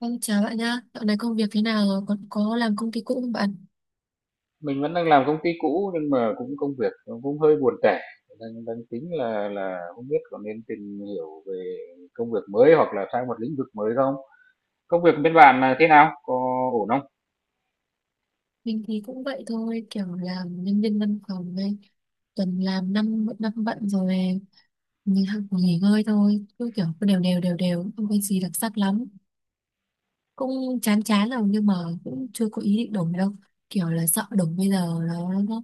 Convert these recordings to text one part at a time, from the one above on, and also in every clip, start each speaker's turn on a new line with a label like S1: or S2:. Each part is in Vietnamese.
S1: Vâng, chào bạn nhá. Dạo này công việc thế nào rồi? Còn có làm công ty cũ không bạn?
S2: Mình vẫn đang làm công ty cũ, nhưng mà cũng công việc nó cũng hơi buồn tẻ, đang đang tính là không biết có nên tìm hiểu về công việc mới hoặc là sang một lĩnh vực mới không? Công việc bên bạn là thế nào? Có ổn không?
S1: Mình thì cũng vậy thôi, kiểu làm nhân viên văn phòng đây. Tuần làm năm năm bận rồi, mình học nghỉ ngơi thôi. Cứ kiểu cứ đều đều, không có gì đặc sắc lắm. Cũng chán chán rồi nhưng mà cũng chưa có ý định đổi đâu, kiểu là sợ đổi bây giờ nó nó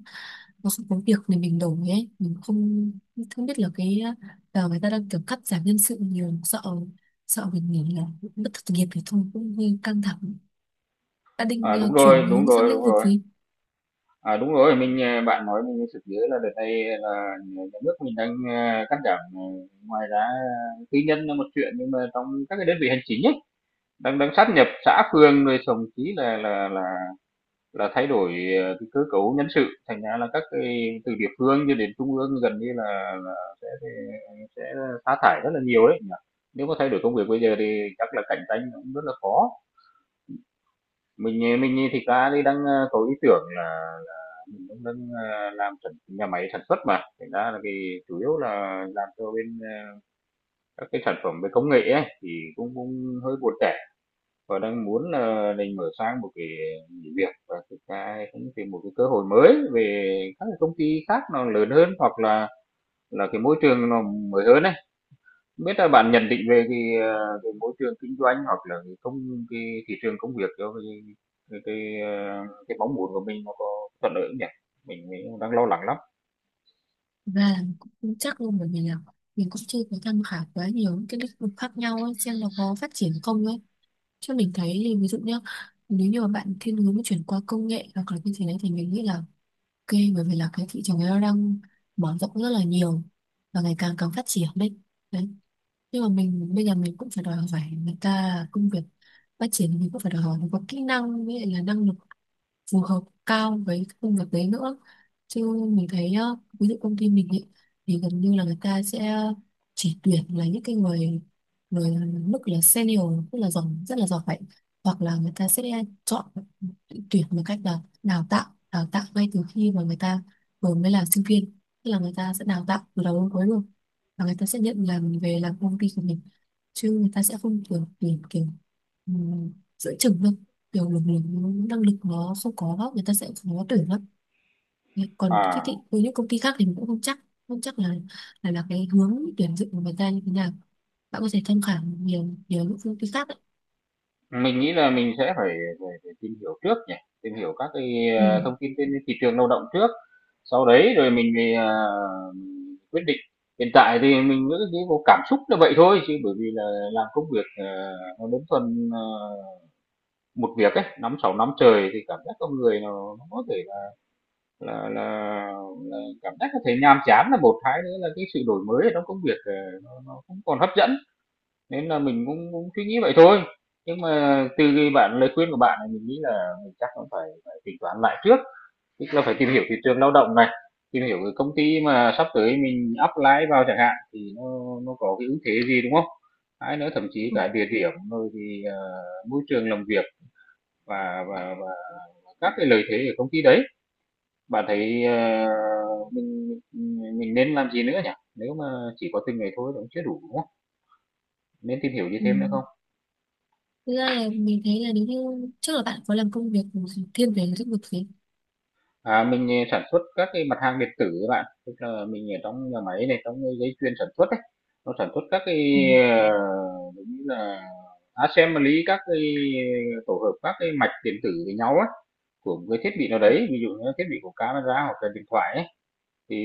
S1: nó không có việc để mình đổi ấy. Mình không không biết là cái giờ người ta đang kiểu cắt giảm nhân sự nhiều, sợ sợ mình nghỉ là mất, thất nghiệp thì thôi, cũng hơi căng thẳng. Đã định
S2: À, đúng rồi,
S1: chuyển
S2: đúng
S1: hướng sang
S2: rồi, đúng
S1: lĩnh vực
S2: rồi.
S1: gì.
S2: À, đúng rồi, bạn nói mình mới sực nhớ là đợt này là nhà nhà nước mình đang cắt giảm. Ngoài ra tư nhân là một chuyện, nhưng mà trong các cái đơn vị hành chính ấy, đang đang sát nhập xã phường, rồi thậm chí là là thay đổi cái cơ cấu nhân sự, thành ra là các cái từ địa phương cho đến trung ương gần như là là sẽ sẽ sẽ sa thải rất là nhiều đấy. Nếu mà thay đổi công việc bây giờ thì chắc là cạnh tranh cũng rất là khó. Mình thì thực đi đang, có ý tưởng là mình cũng đang, làm nhà máy sản xuất mà, thành ra là cái chủ yếu là làm cho bên, các cái sản phẩm về công nghệ ấy, thì cũng cũng hơi buồn tẻ. Và đang muốn là mình mở sang một cái nghỉ việc và thực ra cũng tìm một cái cơ hội mới về các cái công ty khác nó lớn hơn, hoặc là cái môi trường nó mới hơn ấy. Biết là bạn nhận định về cái môi trường kinh doanh hoặc là cái thị trường công việc cho cái mong muốn của mình nó có thuận lợi không nhỉ, mình đang lo lắng lắm.
S1: Thực ra là cũng không chắc luôn, bởi vì là mình cũng chưa có tham khảo quá nhiều những cái lĩnh vực khác nhau ấy, xem nó có phát triển không ấy. Chứ mình thấy thì ví dụ nhá, nếu như mà bạn thiên hướng chuyển qua công nghệ hoặc là như thế này thì mình nghĩ là ok, bởi vì là cái thị trường ấy nó đang mở rộng rất là nhiều và ngày càng càng phát triển đấy. Đấy, nhưng mà mình bây giờ, mình cũng phải đòi hỏi người ta công việc phát triển, mình cũng phải đòi hỏi mình có kỹ năng với lại là năng lực phù hợp cao với cái công việc đấy nữa. Chứ mình thấy ờ, ví dụ công ty mình ý, thì gần như là người ta sẽ chỉ tuyển là những cái người người mức là senior, tức là giỏi, rất là giỏi. Hoặc là người ta sẽ chọn tuyển một cách là đào tạo ngay từ khi mà người ta vừa mới là sinh viên, tức là người ta sẽ đào tạo từ đầu đến cuối luôn và người ta sẽ nhận làm, về làm công ty của mình. Chứ người ta sẽ không kiểu tìm kiểu giữa chừng đâu, kiểu lực lượng, năng lực nó không có, người ta sẽ khó tuyển lắm. Còn cái
S2: À,
S1: thị, với những công ty khác thì mình cũng không chắc, không chắc là cái hướng tuyển dụng của người ta như thế nào. Bạn có thể tham khảo nhiều, nhiều những công ty khác đấy.
S2: mình nghĩ là mình sẽ phải phải phải tìm hiểu trước nhỉ, tìm hiểu các cái,
S1: Ừ.
S2: thông tin trên thị trường lao động trước, sau đấy rồi mình mới, mình quyết định. Hiện tại thì mình cứ nghĩ vô cảm xúc là vậy thôi, chứ bởi vì là làm công việc, nó đơn thuần, một việc ấy, 5-6 năm trời thì cảm giác con người nó có thể là là là cảm giác có thể nhàm chán là một, hai nữa là cái sự đổi mới ở trong công việc, nó không còn hấp dẫn. Nên là mình cũng cũng suy nghĩ vậy thôi, nhưng mà từ cái bạn lời khuyên của bạn này mình nghĩ là mình chắc cũng phải phải tính toán lại trước, tức là phải tìm hiểu thị trường lao động này, tìm hiểu cái công ty mà sắp tới mình apply vào chẳng hạn thì nó có cái ưu thế gì, đúng không? Hay nữa thậm chí cả địa điểm rồi thì, môi trường làm việc và các cái lợi thế ở công ty đấy. Bạn thấy, mình nên làm gì nữa nhỉ? Nếu mà chỉ có từng ấy thôi thì cũng chưa đủ, đúng không? Nên tìm hiểu gì
S1: Ừ.
S2: thêm nữa không?
S1: Thực ra là mình thấy là nếu như trước là bạn có làm công việc thiên về lĩnh vực gì.
S2: À, mình, sản xuất các cái mặt hàng điện tử các bạn, tức là mình ở trong nhà máy này, trong cái dây chuyền sản xuất ấy, nó sản xuất các
S1: Ừ.
S2: cái, giống như là assembly các cái tổ hợp các cái mạch điện tử với nhau á, của một cái thiết bị nào đấy, ví dụ như là thiết bị của camera hoặc là điện thoại ấy, thì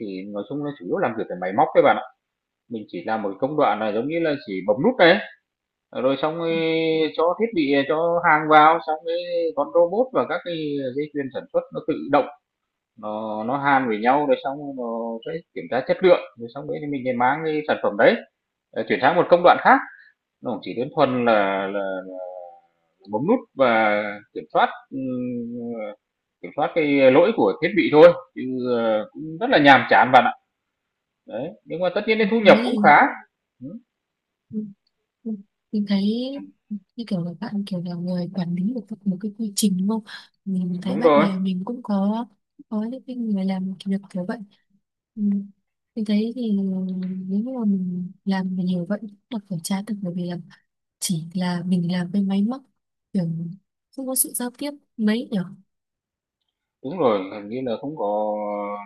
S2: thì nói chung là chủ yếu làm việc với máy móc các bạn ạ. Mình chỉ làm một cái công đoạn là giống như là chỉ bấm nút này, rồi xong, cho thiết bị, à, cho hàng vào, xong cái con robot và các cái dây chuyền sản xuất nó tự động, nó hàn với nhau rồi xong rồi nó sẽ kiểm tra chất lượng, rồi xong đấy thì mình lại mang cái sản phẩm đấy chuyển sang một công đoạn khác. Nó cũng chỉ đơn thuần là, là bấm nút và kiểm soát kiểm soát cái lỗi của thiết bị thôi, chứ cũng rất là nhàm chán bạn ạ, đấy, nhưng mà tất nhiên cái
S1: Thế
S2: thu nhập cũng
S1: thì
S2: khá. Ừ,
S1: ừ. Ừ. Mình thấy như kiểu là bạn kiểu là người quản lý được một cái quy trình, đúng không? Mình thấy
S2: đúng
S1: bạn
S2: rồi.
S1: bè mình cũng có những cái người làm kiểu việc kiểu vậy. Ừ. Mình thấy thì nếu như mà mình làm mà nhiều vậy cũng là phải trả được, bởi vì là chỉ là mình làm với máy móc, kiểu không có sự giao tiếp mấy nhở.
S2: Đúng rồi, hình như là không có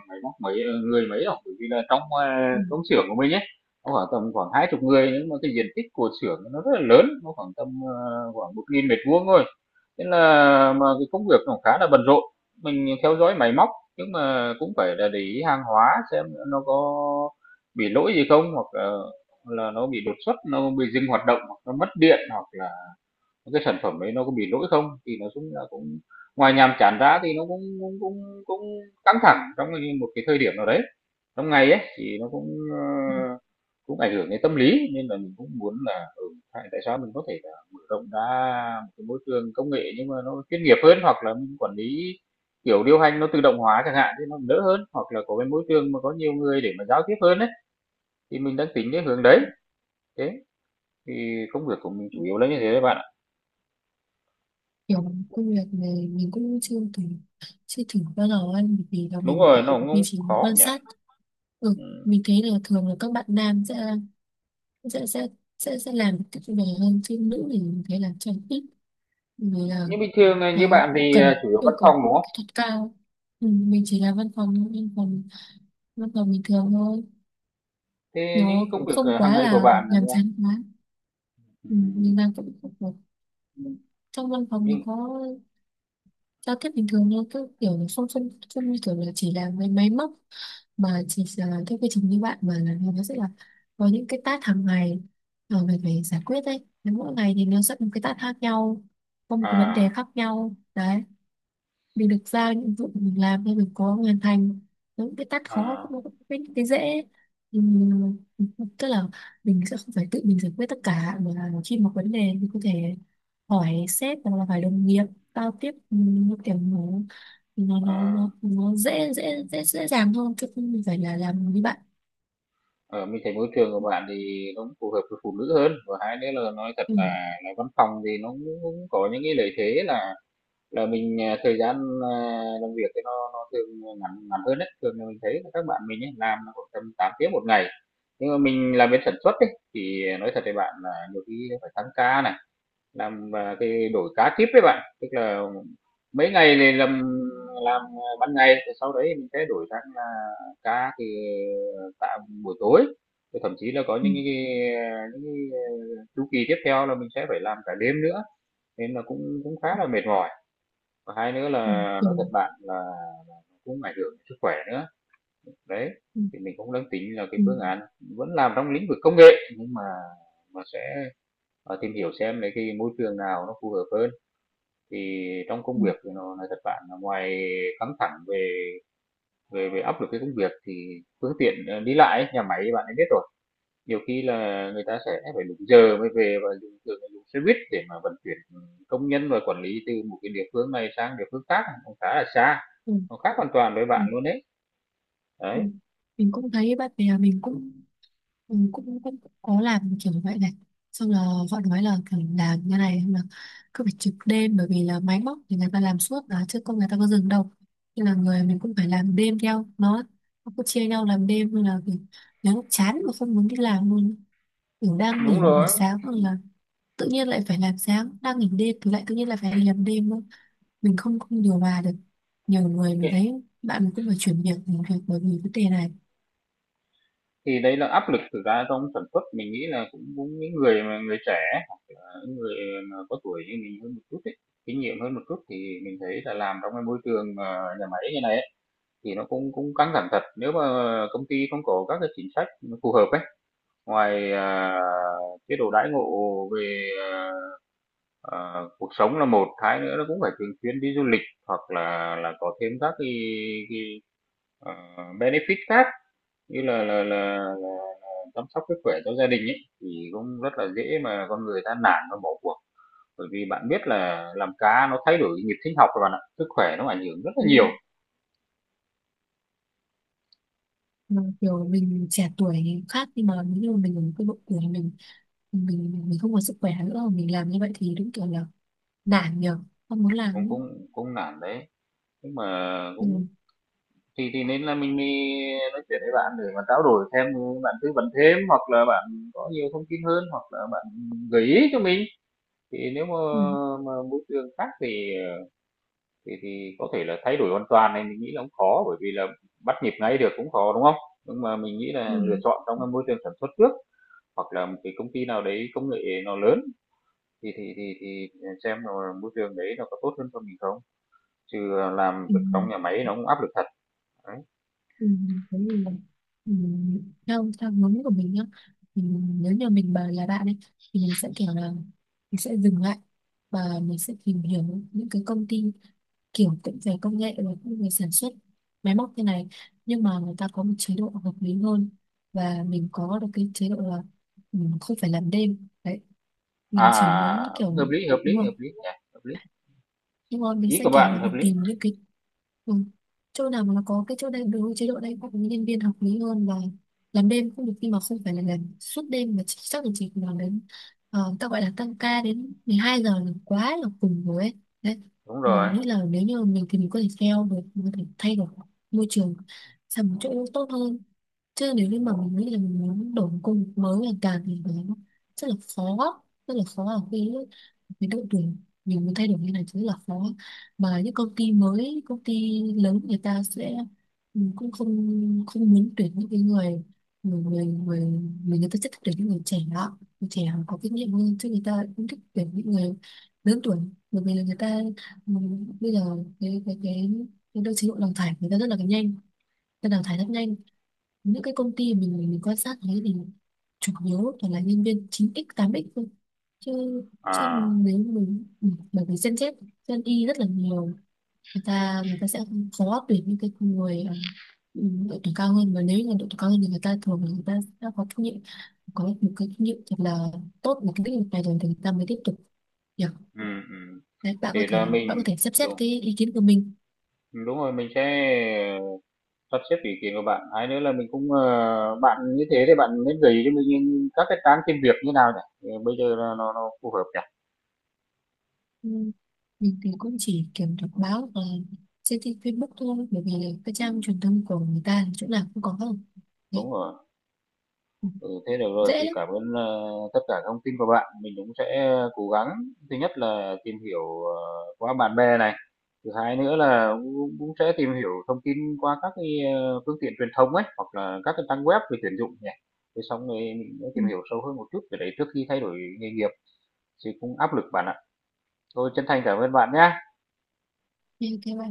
S2: máy móc mấy người mấy đâu, bởi vì là trong
S1: Ừ.
S2: công xưởng của mình ấy, nó khoảng tầm khoảng 20 người, nhưng mà cái diện tích của xưởng nó rất là lớn, nó khoảng 1.000 mét vuông thôi. Nên là mà cái công việc nó khá là bận rộn. Mình theo dõi máy móc nhưng mà cũng phải là để ý hàng hóa xem nó có bị lỗi gì không, hoặc là nó bị đột xuất, nó bị dừng hoạt động, hoặc nó mất điện, hoặc là cái sản phẩm đấy nó có bị lỗi không, thì nó cũng cũng ngoài nhàm chán ra thì nó cũng căng thẳng trong một cái thời điểm nào đấy trong ngày ấy, thì nó cũng ảnh hưởng đến tâm lý, nên là mình cũng muốn là tại sao mình có thể là mở rộng ra một cái môi trường công nghệ nhưng mà nó chuyên nghiệp hơn, hoặc là mình quản lý kiểu điều hành nó tự động hóa chẳng hạn thì nó đỡ hơn, hoặc là có cái môi trường mà có nhiều người để mà giao tiếp hơn ấy, thì mình đang tính đến hướng đấy. Thế thì công việc của mình chủ yếu là như thế đấy bạn ạ.
S1: Kiểu công việc này mình cũng chưa thử bao giờ ăn, bởi vì là
S2: Đúng
S1: mình
S2: rồi, nó cũng
S1: mình
S2: không
S1: chỉ
S2: khó
S1: quan
S2: nhỉ.
S1: sát. Ừ.
S2: Ừ.
S1: Mình thấy là thường là các bạn nam sẽ sẽ sẽ làm cách về hơn, chứ nữ thì mình thấy là trang ít, vì là
S2: Như bình thường như
S1: nó
S2: bạn
S1: cũng
S2: thì
S1: cần
S2: chủ yếu văn
S1: yêu
S2: phòng
S1: cầu
S2: đúng không?
S1: kỹ thuật cao. Ừ,
S2: Ừ.
S1: mình chỉ là văn phòng, văn phòng bình thường thôi,
S2: Thế những
S1: nó
S2: cái công
S1: cũng
S2: việc
S1: không
S2: hàng
S1: quá
S2: ngày của
S1: là
S2: bạn là như
S1: nhàm
S2: nào?
S1: chán quá.
S2: Ừ,
S1: Ừ, mình đang cũng không có. Trong văn phòng thì
S2: nhưng
S1: có giao tiếp bình thường thôi, cứ kiểu là không không không như kiểu là chỉ là mấy máy móc, mà chỉ là cái quy trình như bạn, mà là nó sẽ là có những cái task hàng ngày mà mình phải giải quyết đấy. Nếu mỗi ngày thì nó sẽ có một cái task khác nhau, có một cái vấn đề
S2: à,
S1: khác nhau đấy. Mình được giao nhiệm vụ, mình làm, nên mình có hoàn thành. Những cái tát khó
S2: à,
S1: cũng có, cái dễ. Ừm, tức là mình sẽ không phải tự mình giải quyết tất cả, mà là khi một vấn đề mình có thể hỏi sếp hoặc là phải đồng nghiệp giao tiếp. Ừm, nó kiểu nó nó nó
S2: à,
S1: nó, nó dễ dễ dễ dễ dàng hơn, chứ không phải là làm với bạn.
S2: ở mình thấy môi trường của bạn thì nó cũng phù hợp với phụ nữ hơn, và hai nữa là nói thật
S1: Ừ,
S2: là, văn phòng thì nó cũng có những cái lợi thế là mình thời gian à, làm việc thì nó thường ngắn ngắn hơn đấy, thường là mình thấy là các bạn mình ấy, làm là khoảng tầm 8 tiếng một ngày, nhưng mà mình làm bên sản xuất ấy, thì nói thật với bạn là nhiều khi phải tăng ca này, làm cái đổi cá kíp đấy bạn, tức là mấy ngày này làm ban ngày, rồi sau đấy mình sẽ đổi sang cá thì tạo buổi tối, rồi thậm chí là có
S1: ừ,
S2: những cái chu kỳ tiếp theo là mình sẽ phải làm cả đêm nữa, nên là cũng cũng khá là mệt mỏi, và hai nữa là
S1: ừ, ừ,
S2: nói thật bạn là cũng ảnh hưởng đến sức khỏe nữa đấy,
S1: ừ,
S2: thì mình cũng đang tính là cái
S1: ừ,
S2: phương án vẫn làm trong lĩnh vực công nghệ, nhưng mà sẽ tìm hiểu xem lấy cái môi trường nào nó phù hợp hơn. Thì trong công
S1: ừ,
S2: việc thì nó nói thật bạn là ngoài căng thẳng về về về áp lực cái công việc, thì phương tiện, đi lại ấy, nhà máy bạn ấy biết rồi, nhiều khi là người ta sẽ phải đúng giờ mới về, và thường là dùng xe buýt để mà vận chuyển công nhân và quản lý từ một cái địa phương này sang địa phương khác, nó khá là xa,
S1: ừ.
S2: nó khác hoàn toàn với
S1: Ừ.
S2: bạn luôn đấy. Đấy,
S1: mình, mình cũng thấy bạn bè mình cũng, mình cũng cũng có làm kiểu vậy này, xong là họ nói là kiểu làm như này là cứ phải trực đêm, bởi vì là máy móc thì người ta làm suốt mà, chứ không người ta có dừng đâu. Nên là người mình cũng phải làm đêm theo nó cứ chia nhau làm đêm. Nên là kiểu, nếu lúc chán mà không muốn đi làm luôn, kiểu đang
S2: đúng
S1: nghỉ buổi
S2: rồi.
S1: sáng hoặc là tự nhiên lại phải làm sáng, đang nghỉ đêm thì lại tự nhiên lại phải đi làm đêm nữa. Mình không không điều hòa được. Nhiều người mình thấy, bạn mình cũng phải chuyển việc, nghỉ việc bởi vì vấn đề này.
S2: Thì đấy là áp lực thực ra trong sản xuất, mình nghĩ là cũng cũng những người mà người trẻ hoặc là những người mà có tuổi như mình hơn một chút ấy, kinh nghiệm hơn một chút, thì mình thấy là làm trong cái môi trường, nhà máy như này ấy, thì nó cũng cũng căng thẳng thật. Nếu mà công ty không có các cái chính sách phù hợp ấy, ngoài, chế độ đãi ngộ về, cuộc sống là một, hai nữa nó cũng phải thường xuyên đi du lịch, hoặc là có thêm các cái, ờ, benefit khác, như là chăm sóc sức khỏe cho gia đình ấy, thì cũng rất là dễ mà con người ta nản và bỏ cuộc, bởi vì bạn biết là làm cá nó thay đổi nhịp sinh học rồi bạn ạ, sức khỏe nó ảnh hưởng rất là nhiều.
S1: Ừ, mà kiểu mình trẻ tuổi khác, nhưng mà nếu như mình ở cái độ tuổi mình không có sức khỏe nữa mà mình làm như vậy thì đúng kiểu là nản nhờ, không muốn
S2: cũng
S1: làm nữa.
S2: cũng cũng nản đấy, nhưng mà cũng,
S1: Ừ,
S2: thì nên là mình đi nói chuyện với bạn để mà trao đổi thêm, bạn tư vấn thêm, hoặc là bạn có nhiều thông tin hơn, hoặc là bạn gợi ý cho mình, thì nếu mà,
S1: ừ,
S2: mà môi trường khác thì thì có thể là thay đổi hoàn toàn này mình nghĩ là cũng khó, bởi vì là bắt nhịp ngay được cũng khó, đúng không? Nhưng mà mình nghĩ là
S1: ừ,
S2: lựa chọn trong cái môi trường sản xuất trước, hoặc là một cái công ty nào đấy công nghệ nó lớn, thì xem là môi trường đấy nó có tốt hơn cho mình không? Chứ làm
S1: ừ,
S2: việc trong nhà máy nó cũng áp lực thật. Đấy.
S1: ừ. Thế thì là ừ, theo theo hướng của mình nhá, mình, nếu như mình bà là bạn ấy, thì mình sẽ kiểu là mình sẽ dừng lại và mình sẽ tìm hiểu những cái công ty kiểu cũng về công nghệ và cũng về sản xuất máy móc thế này, nhưng mà người ta có một chế độ hợp lý hơn, và mình có được cái chế độ là mình không phải làm đêm đấy.
S2: À,
S1: Mình chỉ muốn
S2: à, à, hợp
S1: kiểu,
S2: lý, hợp
S1: đúng
S2: lý,
S1: không?
S2: hợp lý nhỉ, hợp lý.
S1: Nhưng mà mình
S2: Ý
S1: sẽ
S2: của
S1: kiểu
S2: bạn
S1: là
S2: hợp
S1: mình
S2: lý.
S1: tìm những cái, ừ, chỗ nào mà nó có cái chỗ đầy đủ, chế độ đầy đủ, nhân viên hợp lý hơn, và làm đêm cũng được nhưng mà không phải là làm suốt đêm, mà chỉ, chắc là chỉ làm đến, ờ, ta gọi là tăng ca đến 12 giờ là quá là cùng rồi ấy. Đấy,
S2: Đúng
S1: mình
S2: rồi.
S1: nghĩ là nếu như mình thì mình có thể theo được, mình có thể thay đổi môi trường sang một chỗ tốt hơn. Chứ nếu như mà mình nghĩ là mình muốn đổi một công việc mới là càng thì nó rất là khó, rất là khó ở khi cái độ tuổi mình động đường, nhiều người thay đổi như này chứ là khó. Mà những công ty mới, công ty lớn, người ta sẽ ừ, cũng không, không muốn tuyển những cái người, người người người, người, người ta sẽ thích tuyển những người trẻ đó, người trẻ có kinh nghiệm hơn, chứ người ta cũng thích tuyển những người lớn tuổi. Bởi vì là người ta ừ, bây giờ cái cái cái cái đôi chế độ đào thải người ta rất là nhanh, nên đào thải rất nhanh. Những cái công ty mình quan sát thấy thì chủ yếu toàn là nhân viên chín x tám x thôi. Chứ, chứ
S2: À,
S1: nếu mình ừ, bởi vì Gen Z, Gen Y rất là nhiều, người ta sẽ khó tuyển những cái người ờ, ừ, độ tuổi cao hơn. Và nếu như là độ tuổi cao hơn thì người ta thường là người ta sẽ có kinh nghiệm, có một cái kinh nghiệm thật là tốt một cái lĩnh vực này rồi thì người ta mới tiếp tục. Yeah.
S2: ừ, ừ.
S1: Đấy, bạn có
S2: Thì
S1: thể
S2: là
S1: bạn có
S2: mình
S1: thể xem xét
S2: đúng
S1: cái ý kiến của mình.
S2: đúng rồi mình sẽ sắp xếp ý kiến của bạn, hay nữa là mình cũng bạn như thế thì bạn nên gửi cho mình những các cái trang tìm việc như nào nhỉ. Ừ, bây giờ là nó phù hợp nhỉ.
S1: Ừ. Mình thì cũng chỉ kiểm đọc báo và trên tin Facebook thôi, bởi vì cái trang truyền thông của người ta chỗ nào cũng có không. Đấy.
S2: Đúng rồi.
S1: Ừ.
S2: Ừ, thế được rồi
S1: Dễ
S2: thì
S1: lắm.
S2: cảm ơn tất cả thông tin của bạn, mình cũng sẽ cố gắng, thứ nhất là tìm hiểu qua bạn bè này, thứ hai nữa là cũng sẽ tìm hiểu thông tin qua các cái phương tiện truyền thông ấy, hoặc là các cái trang web về tuyển dụng nhỉ, thế xong rồi mình sẽ
S1: Ừ.
S2: tìm hiểu sâu hơn một chút về đấy trước khi thay đổi nghề nghiệp, thì cũng áp lực bạn ạ. Tôi chân thành cảm ơn bạn nhé.
S1: Như thế mà